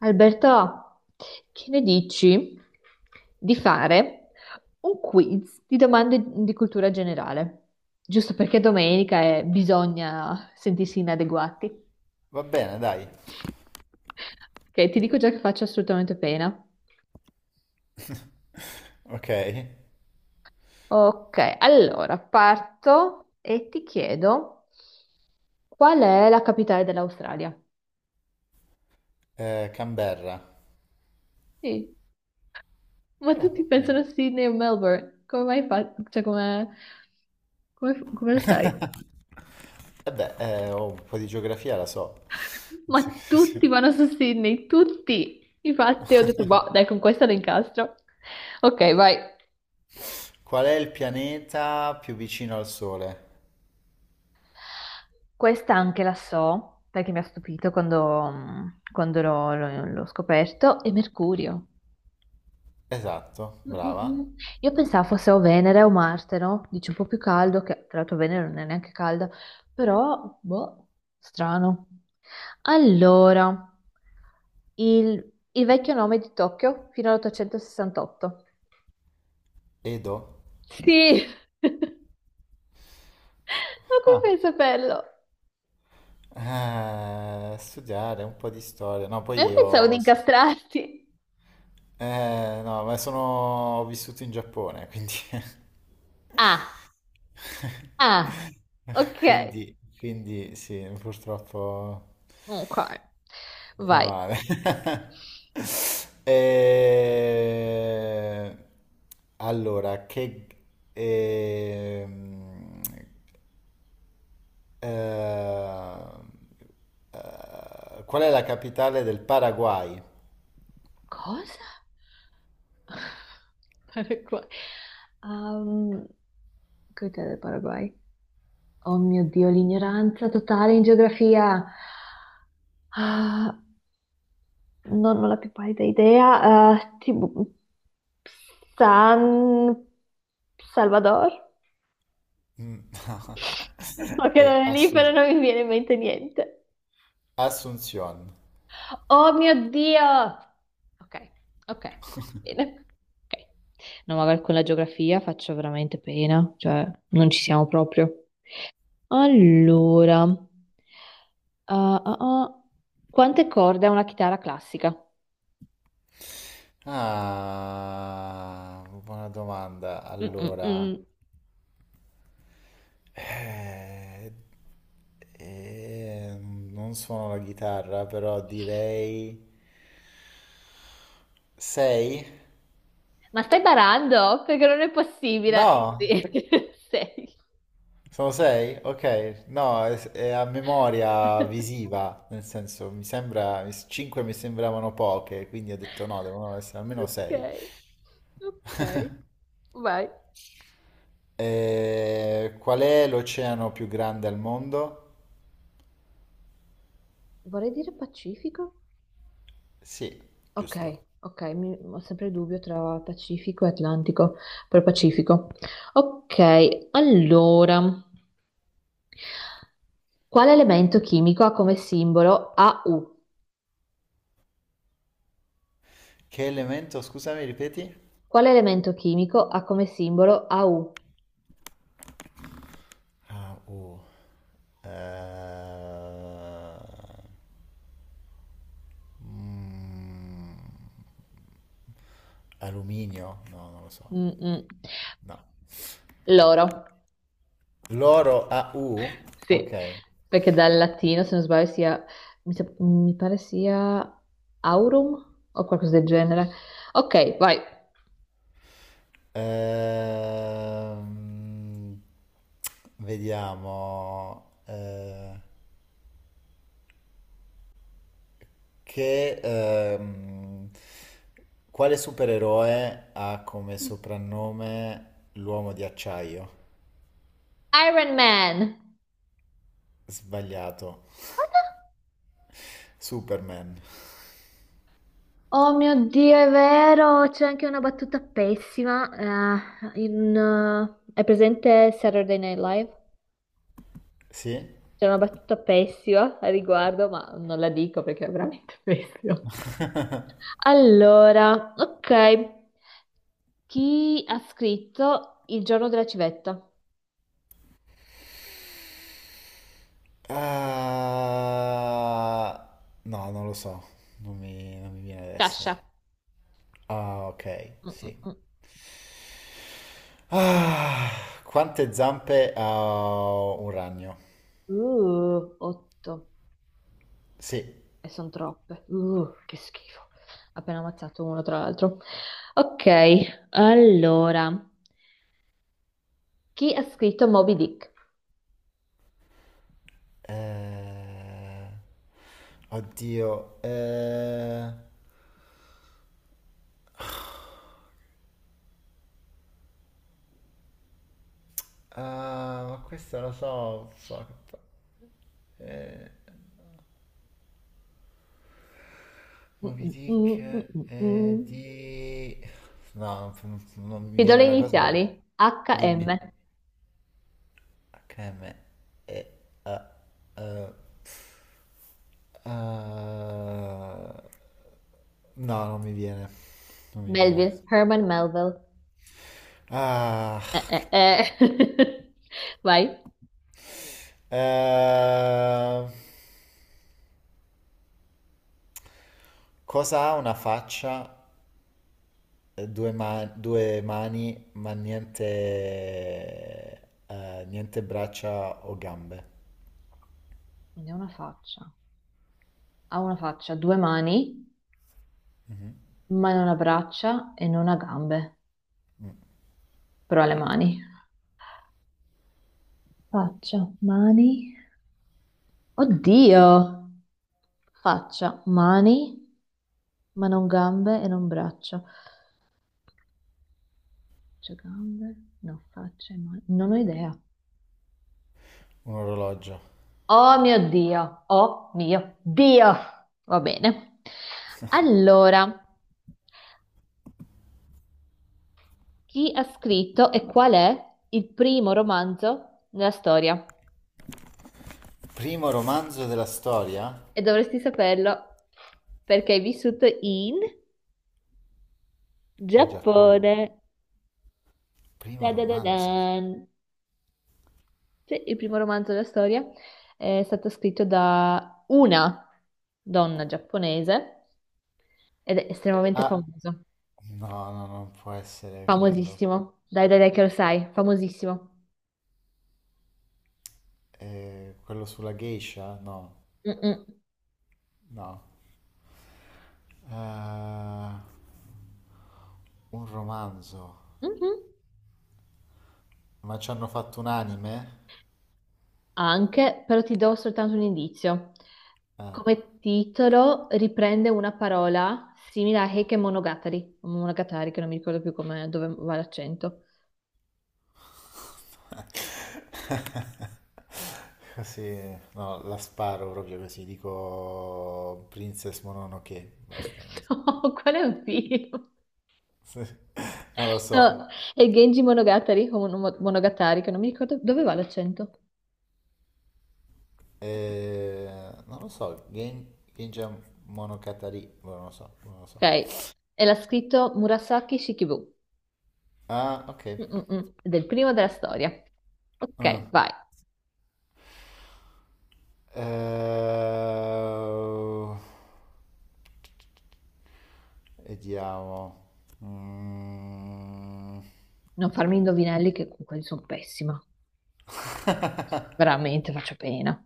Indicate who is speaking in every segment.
Speaker 1: Alberto, che ne dici di fare un quiz di domande di cultura generale? Giusto perché domenica e bisogna sentirsi inadeguati.
Speaker 2: Va bene, dai.
Speaker 1: Ok, ti dico già che faccio assolutamente pena.
Speaker 2: Ok.
Speaker 1: Ok, allora parto e ti chiedo qual è la capitale dell'Australia?
Speaker 2: Canberra.
Speaker 1: Sì, ma
Speaker 2: Ah, va
Speaker 1: tutti pensano
Speaker 2: bene.
Speaker 1: a Sydney o Melbourne. Come mai fa? Cioè, come lo sai?
Speaker 2: Eh beh, oh, un po' di geografia la so.
Speaker 1: Ma tutti vanno su Sydney, tutti. Infatti ho detto, boh, dai, con questa lo incastro. Ok, vai.
Speaker 2: Qual è il pianeta più vicino al Sole?
Speaker 1: Questa anche la so, perché mi ha stupito quando l'ho scoperto, è Mercurio.
Speaker 2: Esatto,
Speaker 1: Mm, mm,
Speaker 2: brava.
Speaker 1: mm. Io pensavo fosse o Venere o Marte, no? Dice un po' più caldo, che tra l'altro Venere non è neanche calda, però, boh, strano. Allora, il vecchio nome di Tokyo fino all'868.
Speaker 2: Edo.
Speaker 1: Sì, ma come
Speaker 2: Ah,
Speaker 1: fai a saperlo?
Speaker 2: studiare un po' di storia. No,
Speaker 1: Ma
Speaker 2: poi
Speaker 1: io pensavo di
Speaker 2: io...
Speaker 1: incastrarti.
Speaker 2: No, ma sono... ho vissuto in Giappone, quindi...
Speaker 1: Ah, ah, ok,
Speaker 2: Quindi sì, purtroppo...
Speaker 1: ok, vai.
Speaker 2: Cavale. Eh, Allora, ehm, eh, qual è la capitale del Paraguay?
Speaker 1: Cosa? Paraguay. Um, Cos'è del Paraguay? Oh mio Dio, l'ignoranza totale in geografia. Ah, non ho la più pallida idea. Ah, tipo, San Salvador?
Speaker 2: Mm.
Speaker 1: Ma che
Speaker 2: È
Speaker 1: non è lì, però non mi viene in mente niente.
Speaker 2: Asunción.
Speaker 1: Oh mio Dio! Ok, ok, bene. Ok. No, magari con la geografia faccio veramente pena, cioè non ci siamo proprio. Allora, ah, ah. quante corde ha una chitarra classica?
Speaker 2: Ah, buona domanda.
Speaker 1: Mm, mm,
Speaker 2: Allora,
Speaker 1: mm.
Speaker 2: eh, non suono la chitarra, però direi... Sei?
Speaker 1: Ma stai barando? Perché non è possibile. Sì.
Speaker 2: No,
Speaker 1: Sei.
Speaker 2: sono sei? Ok, no, è a memoria visiva, nel senso mi sembra, 5 mi sembravano poche, quindi ho detto no, devono essere almeno
Speaker 1: Ok,
Speaker 2: sei.
Speaker 1: ok, vai.
Speaker 2: Qual è l'oceano più grande al mondo?
Speaker 1: Vorrei dire Pacifico?
Speaker 2: Sì,
Speaker 1: Ok,
Speaker 2: giusto.
Speaker 1: ok, ho sempre il dubbio tra Pacifico e Atlantico, per Pacifico. Ok, allora, quale elemento chimico ha come simbolo AU?
Speaker 2: Che elemento, scusami, ripeti?
Speaker 1: Quale elemento chimico ha come simbolo AU?
Speaker 2: Ah. Eh, mm, Alluminio? No, non lo so.
Speaker 1: Mm-mm.
Speaker 2: No.
Speaker 1: L'oro,
Speaker 2: Loro AU?
Speaker 1: sì,
Speaker 2: Ok.
Speaker 1: perché dal latino, se non sbaglio, mi pare sia aurum o qualcosa del genere. Ok, vai.
Speaker 2: Ehm, Vediamo. Che, ehm, Quale supereroe ha come soprannome l'uomo di acciaio?
Speaker 1: Iron Man!
Speaker 2: Sbagliato. Superman.
Speaker 1: Oh mio Dio, è vero, c'è anche una battuta pessima. È presente Saturday Night Live?
Speaker 2: Sì?
Speaker 1: C'è una battuta pessima a riguardo, ma non la dico perché è veramente pessima. Allora, ok, chi ha scritto Il giorno della civetta?
Speaker 2: Ah, no, non lo so. Non mi viene adesso.
Speaker 1: Sciascia.
Speaker 2: Ah, ok,
Speaker 1: Mm, mm,
Speaker 2: sì.
Speaker 1: mm.
Speaker 2: Ah, quante zampe ha un ragno?
Speaker 1: Otto,
Speaker 2: Sì.
Speaker 1: e sono troppe. Che schifo. Appena ammazzato uno tra l'altro. Ok, allora. Chi ha scritto Moby Dick?
Speaker 2: Eh, oddio. Ah, ma questo lo so. Fuck. Eh,
Speaker 1: Mm,
Speaker 2: Moby
Speaker 1: mm,
Speaker 2: Dick
Speaker 1: mm, mm, mm, mm.
Speaker 2: di... No, non mi
Speaker 1: Ti do
Speaker 2: viene
Speaker 1: le
Speaker 2: una cosa.
Speaker 1: iniziali. HM.
Speaker 2: Dimmi. HM e eh, eh, no, non mi viene. Non mi viene.
Speaker 1: Melville. Herman Melville.
Speaker 2: Ah, che-
Speaker 1: Eh. Vai.
Speaker 2: eh, cosa ha una faccia, due, due mani, ma niente braccia o gambe?
Speaker 1: Ne ha una faccia. Ha una faccia, due mani,
Speaker 2: Mhm.
Speaker 1: ma non ha braccia e non ha gambe, però ha le mani. Faccia, mani. Oddio! Faccia, mani, ma non gambe e non braccia. Faccia, gambe, no, faccia e mani. Non ho idea.
Speaker 2: Un orologio.
Speaker 1: Oh mio Dio, oh mio Dio. Va bene. Allora, chi ha scritto e qual è il primo romanzo nella storia?
Speaker 2: Primo romanzo della storia?
Speaker 1: E dovresti saperlo perché hai vissuto in
Speaker 2: In Giappone.
Speaker 1: Giappone.
Speaker 2: Primo romanzo.
Speaker 1: Ta-da-da-dan. Sì, il primo romanzo della storia è stato scritto da una donna giapponese ed è estremamente
Speaker 2: Ah,
Speaker 1: famoso.
Speaker 2: no, no, non può essere quello.
Speaker 1: Famosissimo. Dai, dai, dai, che lo sai. Famosissimo.
Speaker 2: Quello sulla geisha? No,
Speaker 1: Mm-mm.
Speaker 2: no. Eh, un romanzo.
Speaker 1: Mhm.
Speaker 2: Ma ci hanno fatto un anime?
Speaker 1: Anche, però ti do soltanto un indizio.
Speaker 2: Eh,
Speaker 1: Come titolo riprende una parola simile a Heike Monogatari, o Monogatari che non mi ricordo più come, dove va l'accento.
Speaker 2: Così, no, la sparo proprio così. Dico Princess Mononoke. Basta, non so.
Speaker 1: No, qual è un film?
Speaker 2: Non lo so.
Speaker 1: No, è Genji Monogatari, o Monogatari che non mi ricordo dove va l'accento.
Speaker 2: Non lo so. Genja Monogatari. Boh, non lo so, non lo
Speaker 1: Ok,
Speaker 2: so.
Speaker 1: e l'ha scritto Murasaki Shikibu,
Speaker 2: Ah, ok.
Speaker 1: mm-mm-mm, del primo della storia.
Speaker 2: Ah.
Speaker 1: Ok, vai,
Speaker 2: Eh, Vediamo. Mm.
Speaker 1: non farmi indovinelli che con quelli sono pessima, veramente faccio pena.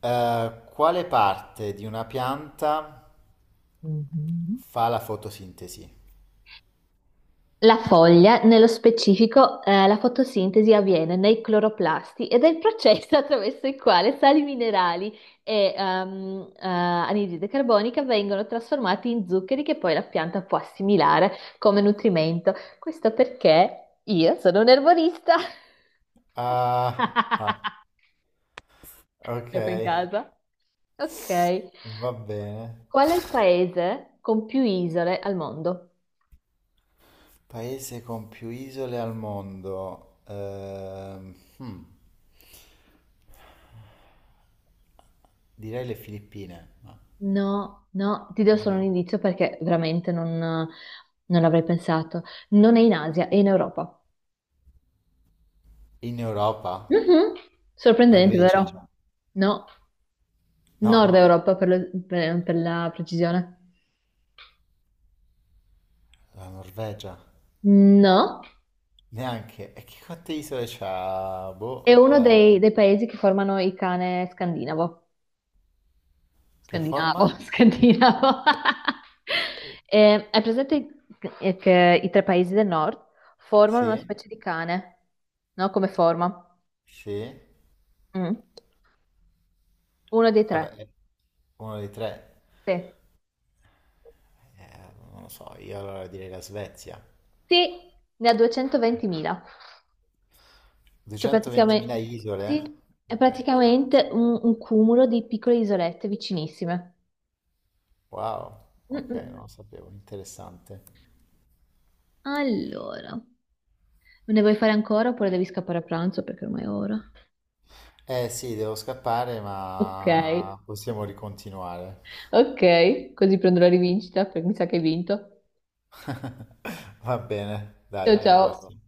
Speaker 2: Quale parte di una pianta
Speaker 1: Mhm.
Speaker 2: fa la fotosintesi?
Speaker 1: La foglia, nello specifico, la fotosintesi avviene nei cloroplasti ed è il processo attraverso il quale sali minerali e anidride carbonica vengono trasformati in zuccheri che poi la pianta può assimilare come nutrimento. Questo perché io sono un erborista.
Speaker 2: Ah, ah, ok.
Speaker 1: Gioco in casa. Ok.
Speaker 2: Va bene.
Speaker 1: Qual è il paese con più isole al mondo?
Speaker 2: Paese con più isole al mondo. Direi le Filippine. Ma
Speaker 1: No, no, ti do solo un
Speaker 2: no.
Speaker 1: indizio perché veramente non l'avrei pensato. Non è in Asia, è in Europa.
Speaker 2: In Europa?
Speaker 1: Mhm.
Speaker 2: La
Speaker 1: Sorprendente,
Speaker 2: Grecia?
Speaker 1: Norvegia, vero? No, nord no.
Speaker 2: No,
Speaker 1: Europa per la precisione.
Speaker 2: la Norvegia.
Speaker 1: No,
Speaker 2: Neanche. E che quante isole c'ha?
Speaker 1: è
Speaker 2: Boh.
Speaker 1: uno dei paesi che formano il cane scandinavo.
Speaker 2: Che
Speaker 1: Scandinavo,
Speaker 2: forma?
Speaker 1: scandinavo. Hai presente che i tre paesi del nord formano una
Speaker 2: Sì,
Speaker 1: specie di cane, no? Come forma?
Speaker 2: sì,
Speaker 1: Mm. Uno dei
Speaker 2: vabbè,
Speaker 1: tre.
Speaker 2: è uno dei tre.
Speaker 1: Sì,
Speaker 2: Non lo so, io allora direi la Svezia.
Speaker 1: sì, ne ha 220.000, cioè
Speaker 2: 220.000
Speaker 1: praticamente,
Speaker 2: isole?
Speaker 1: sì, è
Speaker 2: Ok,
Speaker 1: praticamente un cumulo di piccole isolette vicinissime.
Speaker 2: wow,
Speaker 1: Mm,
Speaker 2: ok,
Speaker 1: mm.
Speaker 2: non lo sapevo, interessante.
Speaker 1: Allora, ne vuoi fare ancora oppure devi scappare a pranzo perché ormai è ora?
Speaker 2: Eh sì, devo scappare,
Speaker 1: Ok,
Speaker 2: ma possiamo ricontinuare.
Speaker 1: ok, così prendo la rivincita perché mi sa che hai vinto.
Speaker 2: Va bene, dai,
Speaker 1: Ciao
Speaker 2: alla
Speaker 1: ciao.
Speaker 2: prossima.